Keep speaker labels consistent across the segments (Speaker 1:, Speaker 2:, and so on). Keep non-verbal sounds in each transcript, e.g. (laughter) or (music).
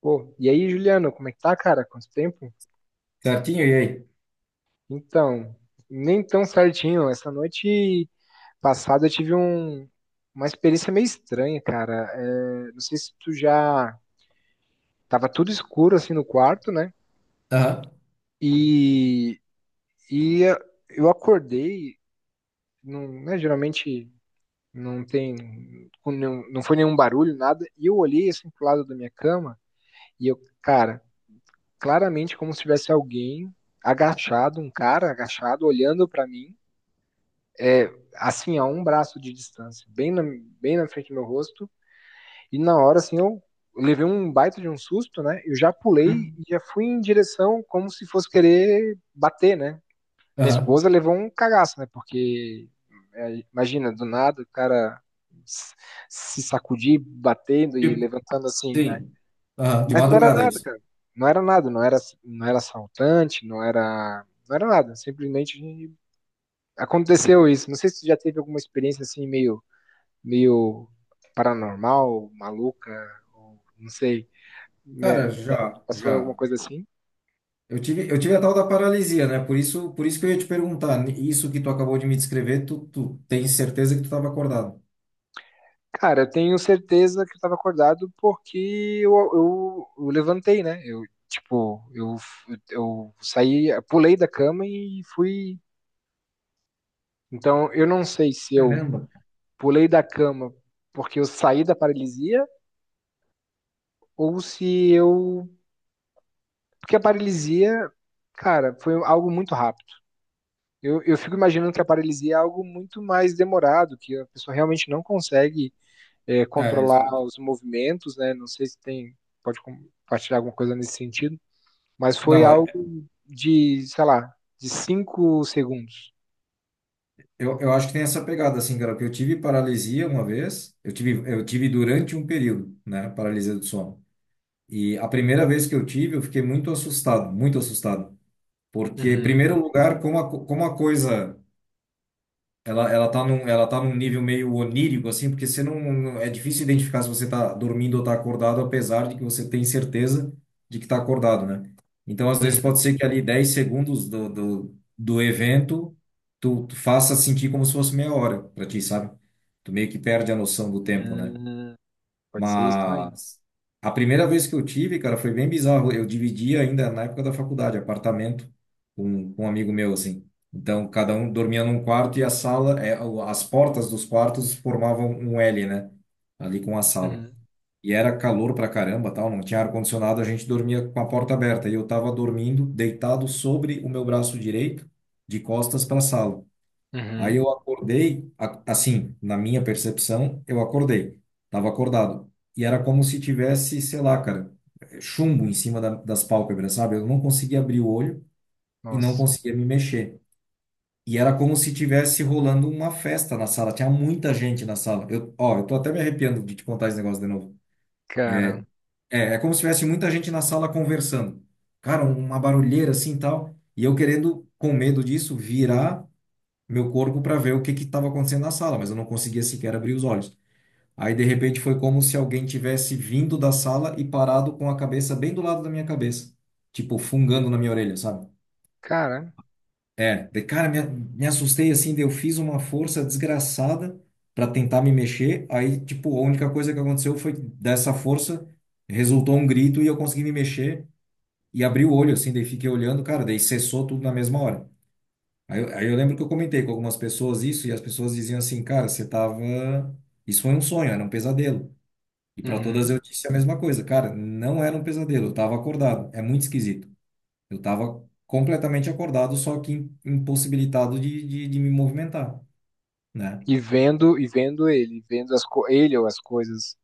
Speaker 1: Pô, e aí, Juliano, como é que tá, cara? Quanto tempo?
Speaker 2: Certinho? E aí?
Speaker 1: Então, nem tão certinho. Essa noite passada eu tive uma experiência meio estranha, cara. É, não sei se tu já tava tudo escuro assim no quarto, né?
Speaker 2: Aham.
Speaker 1: E, e eu acordei, não, né, geralmente não tem, não, não foi nenhum barulho, nada. E eu olhei assim pro lado da minha cama e eu, cara, claramente como se tivesse alguém agachado, um cara agachado olhando pra mim. É, assim, a um braço de distância, bem na frente do meu rosto. E na hora, assim, eu levei um baita de um susto, né? Eu já pulei
Speaker 2: Hum.
Speaker 1: e já fui em direção como se fosse querer bater, né? Minha
Speaker 2: Aham.
Speaker 1: esposa levou um cagaço, né? Porque, é, imagina, do nada o cara se sacudir, batendo e
Speaker 2: Tipo,
Speaker 1: levantando assim, né?
Speaker 2: sim. Aham. De
Speaker 1: Mas não era
Speaker 2: madrugada, é
Speaker 1: nada,
Speaker 2: isso.
Speaker 1: cara. Não era nada, não era assaltante, não era nada. Simplesmente aconteceu isso. Não sei se tu já teve alguma experiência assim meio paranormal, maluca, ou não sei,
Speaker 2: Cara,
Speaker 1: né?
Speaker 2: já,
Speaker 1: Passou alguma
Speaker 2: já.
Speaker 1: coisa assim?
Speaker 2: Eu tive a tal da paralisia, né? Por isso que eu ia te perguntar. Isso que tu acabou de me descrever, tu tens certeza que tu estava acordado?
Speaker 1: Cara, eu tenho certeza que eu tava acordado porque eu levantei, né? Eu, tipo, eu saí, pulei da cama e fui. Então, eu não sei se eu
Speaker 2: Caramba.
Speaker 1: pulei da cama porque eu saí da paralisia ou se eu. Porque a paralisia, cara, foi algo muito rápido. Eu fico imaginando que a paralisia é algo muito mais demorado, que a pessoa realmente não consegue, é,
Speaker 2: É,
Speaker 1: controlar
Speaker 2: exato.
Speaker 1: os movimentos, né? Não sei se tem, pode compartilhar alguma coisa nesse sentido, mas foi
Speaker 2: Não, é,
Speaker 1: algo de, sei lá, de 5 segundos.
Speaker 2: eu acho que tem essa pegada, assim, cara, porque eu tive paralisia uma vez, eu tive durante um período, né, paralisia do sono. E a primeira vez que eu tive, eu fiquei muito assustado, muito assustado. Porque, em
Speaker 1: Uhum,
Speaker 2: primeiro lugar, como a coisa. Ela tá num nível meio onírico, assim, porque você é difícil identificar se você tá dormindo ou tá acordado, apesar de que você tem certeza de que tá acordado, né? Então, às vezes, pode
Speaker 1: uhum.
Speaker 2: ser que ali 10 segundos do evento tu faça sentir como se fosse meia hora pra ti, sabe? Tu meio que perde a noção do tempo, né?
Speaker 1: Hum, pode ser isso também.
Speaker 2: Mas a primeira vez que eu tive, cara, foi bem bizarro. Eu dividi ainda na época da faculdade, apartamento com um amigo meu, assim. Então, cada um dormia num quarto e a sala, as portas dos quartos formavam um L, né? Ali com a sala.
Speaker 1: Uhum,
Speaker 2: E era calor pra caramba, tal, não tinha ar-condicionado, a gente dormia com a porta aberta. E eu tava dormindo deitado sobre o meu braço direito, de costas pra sala. Aí
Speaker 1: uhum.
Speaker 2: eu acordei, assim, na minha percepção, eu acordei, tava acordado. E era como se tivesse, sei lá, cara, chumbo em cima das pálpebras, sabe? Eu não conseguia abrir o olho e não
Speaker 1: Nossa,
Speaker 2: conseguia me mexer. E era como se tivesse rolando uma festa na sala, tinha muita gente na sala. Eu, ó, eu tô até me arrepiando de te contar esse negócio de novo.
Speaker 1: cara,
Speaker 2: É como se tivesse muita gente na sala conversando. Cara, uma barulheira assim e tal. E eu querendo, com medo disso, virar meu corpo para ver o que que estava acontecendo na sala, mas eu não conseguia sequer abrir os olhos. Aí, de repente, foi como se alguém tivesse vindo da sala e parado com a cabeça bem do lado da minha cabeça, tipo, fungando na minha orelha, sabe?
Speaker 1: cara.
Speaker 2: É, de cara, me assustei assim, daí eu fiz uma força desgraçada para tentar me mexer. Aí, tipo, a única coisa que aconteceu foi que dessa força resultou um grito e eu consegui me mexer e abri o olho, assim, daí fiquei olhando, cara, daí cessou tudo na mesma hora. Aí, aí eu lembro que eu comentei com algumas pessoas isso e as pessoas diziam assim, cara, você tava. Isso foi um sonho, era um pesadelo. E para todas
Speaker 1: Uhum.
Speaker 2: eu disse a mesma coisa, cara, não era um pesadelo, eu tava acordado. É muito esquisito. Eu tava completamente acordado, só que impossibilitado de me movimentar, né?
Speaker 1: E vendo ele, vendo ele ou as coisas,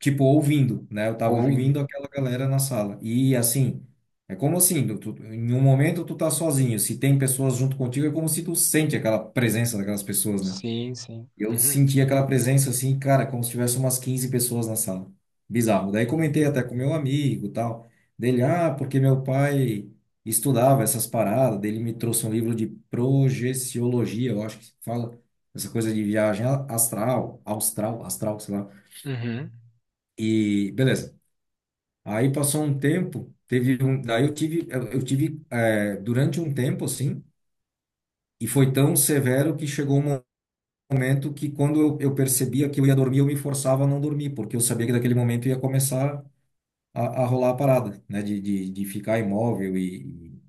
Speaker 2: Tipo, ouvindo, né? Eu tava
Speaker 1: ouvindo.
Speaker 2: ouvindo aquela galera na sala. E assim, é como assim, em um momento tu tá sozinho, se tem pessoas junto contigo, é como se tu sente aquela presença daquelas pessoas, né?
Speaker 1: Sim, sim.
Speaker 2: Eu
Speaker 1: Uhum.
Speaker 2: senti aquela presença assim, cara, como se tivesse umas 15 pessoas na sala. Bizarro. Daí comentei até
Speaker 1: Hum.
Speaker 2: com meu amigo, e tal, dele, ah, porque meu pai estudava essas paradas, dele me trouxe um livro de projeciologia, eu acho que se fala essa coisa de viagem astral, austral, astral, sei lá.
Speaker 1: Uhum,
Speaker 2: E beleza. Aí passou um tempo, daí eu tive durante um tempo assim, e foi tão severo que chegou um momento que quando eu percebia que eu ia dormir, eu me forçava a não dormir, porque eu sabia que daquele momento ia começar a rolar a parada, né? De ficar imóvel e,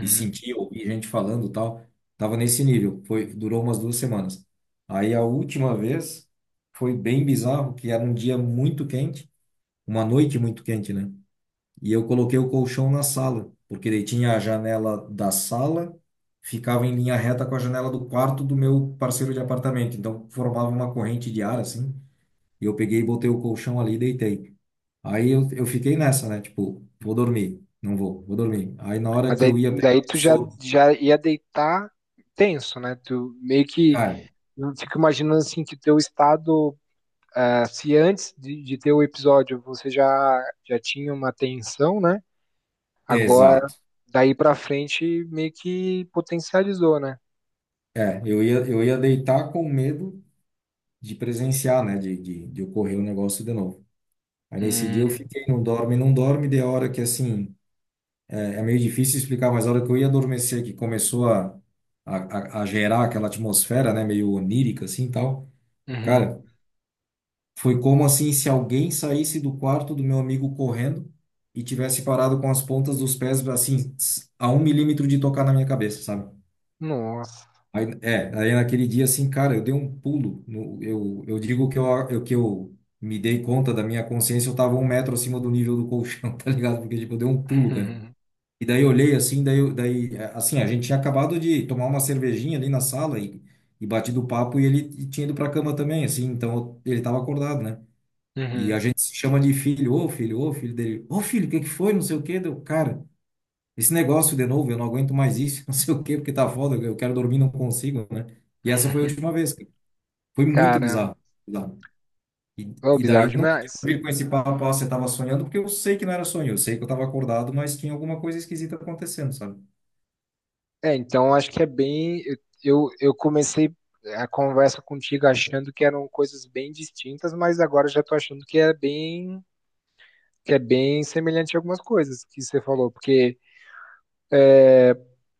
Speaker 2: e sentir, ouvir gente falando e tal. Tava nesse nível. Durou umas 2 semanas. Aí a última vez foi bem bizarro, que era um dia muito quente, uma noite muito quente, né? E eu coloquei o colchão na sala, porque daí tinha a janela da sala, ficava em linha reta com a janela do quarto do meu parceiro de apartamento. Então formava uma corrente de ar assim. E eu peguei e botei o colchão ali e deitei. Aí eu fiquei nessa, né? Tipo, vou dormir. Não vou, vou dormir. Aí na hora
Speaker 1: Mas
Speaker 2: que eu
Speaker 1: daí,
Speaker 2: ia pegar
Speaker 1: daí
Speaker 2: o
Speaker 1: tu já,
Speaker 2: sono,
Speaker 1: já ia deitar tenso, né? Tu meio que,
Speaker 2: cara,
Speaker 1: eu fico imaginando assim que teu estado, ah, se antes de ter o episódio você já, já tinha uma tensão, né? Agora,
Speaker 2: exato.
Speaker 1: daí pra frente, meio que potencializou, né?
Speaker 2: É, eu ia deitar com medo de presenciar, né? De ocorrer o negócio de novo. Aí nesse dia eu
Speaker 1: Hum,
Speaker 2: fiquei, não dorme, não dorme, de hora que assim. É meio difícil explicar, mas a hora que eu ia adormecer, que começou a, a gerar aquela atmosfera, né, meio onírica assim e tal.
Speaker 1: uhum.
Speaker 2: Cara, foi como assim se alguém saísse do quarto do meu amigo correndo e tivesse parado com as pontas dos pés assim a um milímetro de tocar na minha cabeça, sabe?
Speaker 1: Nossa,
Speaker 2: Aí, aí naquele dia assim, cara, eu dei um pulo. Eu digo que eu me dei conta da minha consciência, eu tava 1 metro acima do nível do colchão, (laughs) tá ligado? Porque tipo, eu dei um pulo, cara.
Speaker 1: uhum,
Speaker 2: E daí eu olhei assim, daí, assim, a gente tinha acabado de tomar uma cervejinha ali na sala e, batido o papo e ele tinha ido pra cama também, assim, então ele tava acordado, né? E a
Speaker 1: uhum.
Speaker 2: gente se chama de filho, ô filho, ô filho dele, ô filho, o que que foi? Não sei o quê, deu, cara, esse negócio de novo, eu não aguento mais isso, (laughs) não sei o quê, porque tá foda, eu quero dormir, não consigo, né? E essa foi a última vez, cara. Foi muito
Speaker 1: Caramba,
Speaker 2: bizarro, bizarro. E,
Speaker 1: é
Speaker 2: e daí
Speaker 1: bizarro
Speaker 2: não adianta
Speaker 1: demais.
Speaker 2: vir com esse papo, ah, você tava sonhando, porque eu sei que não era sonho, eu sei que eu tava acordado, mas tinha alguma coisa esquisita acontecendo, sabe?
Speaker 1: É, então acho que é bem. Eu comecei a conversa contigo achando que eram coisas bem distintas, mas agora já tô achando que é bem semelhante a algumas coisas que você falou, porque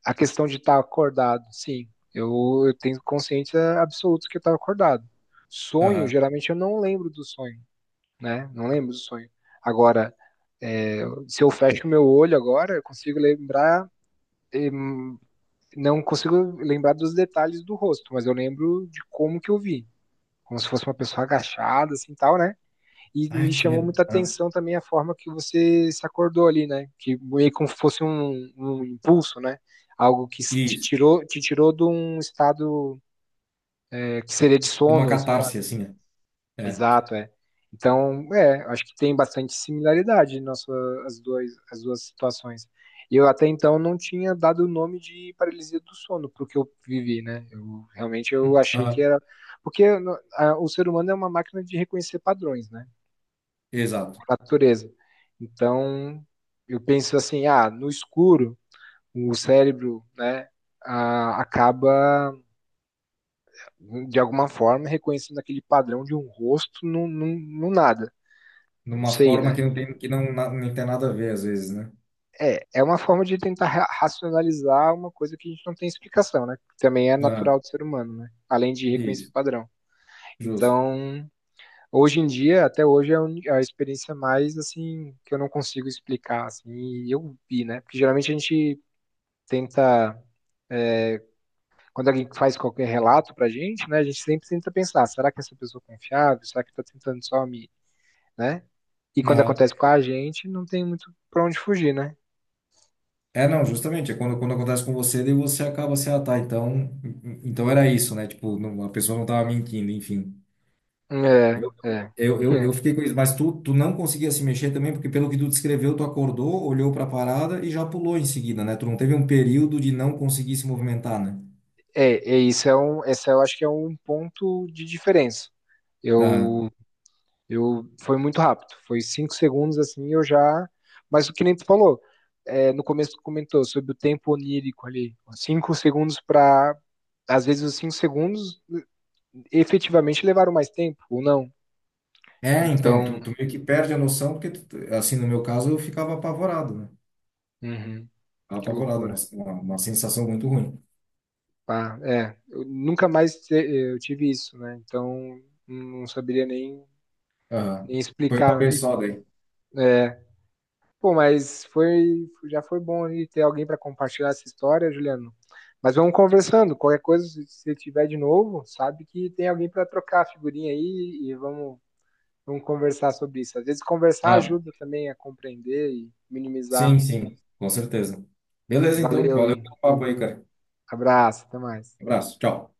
Speaker 1: a questão de estar acordado, sim, eu, eu tenho consciência absoluta que eu estava acordado. Sonho,
Speaker 2: Aham.
Speaker 1: geralmente eu não lembro do sonho, né? Não lembro do sonho. Agora, se eu fecho meu olho agora, eu consigo lembrar, eh, não consigo lembrar dos detalhes do rosto, mas eu lembro de como que eu vi. Como se fosse uma pessoa agachada, assim, tal, né? E me
Speaker 2: Ai, que
Speaker 1: chamou
Speaker 2: medo.
Speaker 1: muita
Speaker 2: Ah.
Speaker 1: atenção também a forma que você se acordou ali, né? Que meio como se fosse um, um impulso, né? Algo que
Speaker 2: Isso.
Speaker 1: te tirou de um estado, é, que seria de
Speaker 2: De uma
Speaker 1: sono, ou sei.
Speaker 2: catarse, assim, né? É.
Speaker 1: Exato, é. Então, é, acho que tem bastante similaridade nossa, as duas situações. E eu até então não tinha dado o nome de paralisia do sono pro que eu vivi, né? Eu, realmente eu
Speaker 2: Hum.
Speaker 1: achei que
Speaker 2: Ah.
Speaker 1: era. Porque o ser humano é uma máquina de reconhecer padrões, né?
Speaker 2: Exato.
Speaker 1: Por natureza. Então, eu penso assim, ah, no escuro, o cérebro, né, ah, acaba, de alguma forma, reconhecendo aquele padrão de um rosto no, no nada.
Speaker 2: De
Speaker 1: Não
Speaker 2: uma
Speaker 1: sei,
Speaker 2: forma
Speaker 1: né?
Speaker 2: que não tem, que não, na- nem tem nada a ver, às vezes, né?
Speaker 1: É, é uma forma de tentar racionalizar uma coisa que a gente não tem explicação, né? Que também é
Speaker 2: Ah.
Speaker 1: natural do ser humano, né? Além de reconhecer
Speaker 2: Isso.
Speaker 1: padrão.
Speaker 2: Justo.
Speaker 1: Então, hoje em dia, até hoje, é a a experiência mais, assim, que eu não consigo explicar, assim, e eu vi, né? Porque geralmente a gente tenta, quando alguém faz qualquer relato pra gente, né? A gente sempre tenta pensar, será que essa pessoa é confiável? Será que tá tentando só me, né? E quando
Speaker 2: Aham.
Speaker 1: acontece com a gente, não tem muito pra onde fugir, né?
Speaker 2: É, não, justamente. É quando acontece com você, daí você acaba assim, ah, tá, então, era isso, né? Tipo, a pessoa não tava mentindo, enfim.
Speaker 1: É, é.
Speaker 2: Eu fiquei com isso, mas tu não conseguia se mexer também, porque pelo que tu descreveu, tu acordou, olhou pra parada e já pulou em seguida, né? Tu não teve um período de não conseguir se movimentar, né?
Speaker 1: É, é isso é um, esse eu acho que é um ponto de diferença. Eu, eu foi muito rápido, foi 5 segundos assim, eu já. Mas o que nem tu falou, é, no começo tu comentou sobre o tempo onírico ali, 5 segundos para, às vezes os 5 segundos efetivamente levaram mais tempo ou não.
Speaker 2: É, então,
Speaker 1: Então,
Speaker 2: tu meio que perde a noção, porque, assim, no meu caso, eu ficava apavorado, né?
Speaker 1: uhum,
Speaker 2: Ficava
Speaker 1: que
Speaker 2: apavorado, uma,
Speaker 1: loucura.
Speaker 2: uma, uma sensação muito ruim.
Speaker 1: Pá, é, eu nunca mais eu tive isso, né? Então não saberia nem,
Speaker 2: Aham.
Speaker 1: nem
Speaker 2: Foi uma
Speaker 1: explicar.
Speaker 2: vez
Speaker 1: E,
Speaker 2: só daí.
Speaker 1: é, pô, mas foi, já foi bom aí ter alguém para compartilhar essa história, Juliano. Mas vamos conversando. Qualquer coisa, se você tiver de novo, sabe que tem alguém para trocar a figurinha aí e vamos, vamos conversar sobre isso. Às vezes conversar
Speaker 2: Ah,
Speaker 1: ajuda também a compreender e
Speaker 2: sim,
Speaker 1: minimizar.
Speaker 2: sim, com certeza. Beleza, então,
Speaker 1: Valeu e
Speaker 2: valeu pelo papo aí, cara.
Speaker 1: abraço, até mais.
Speaker 2: Abraço, tchau.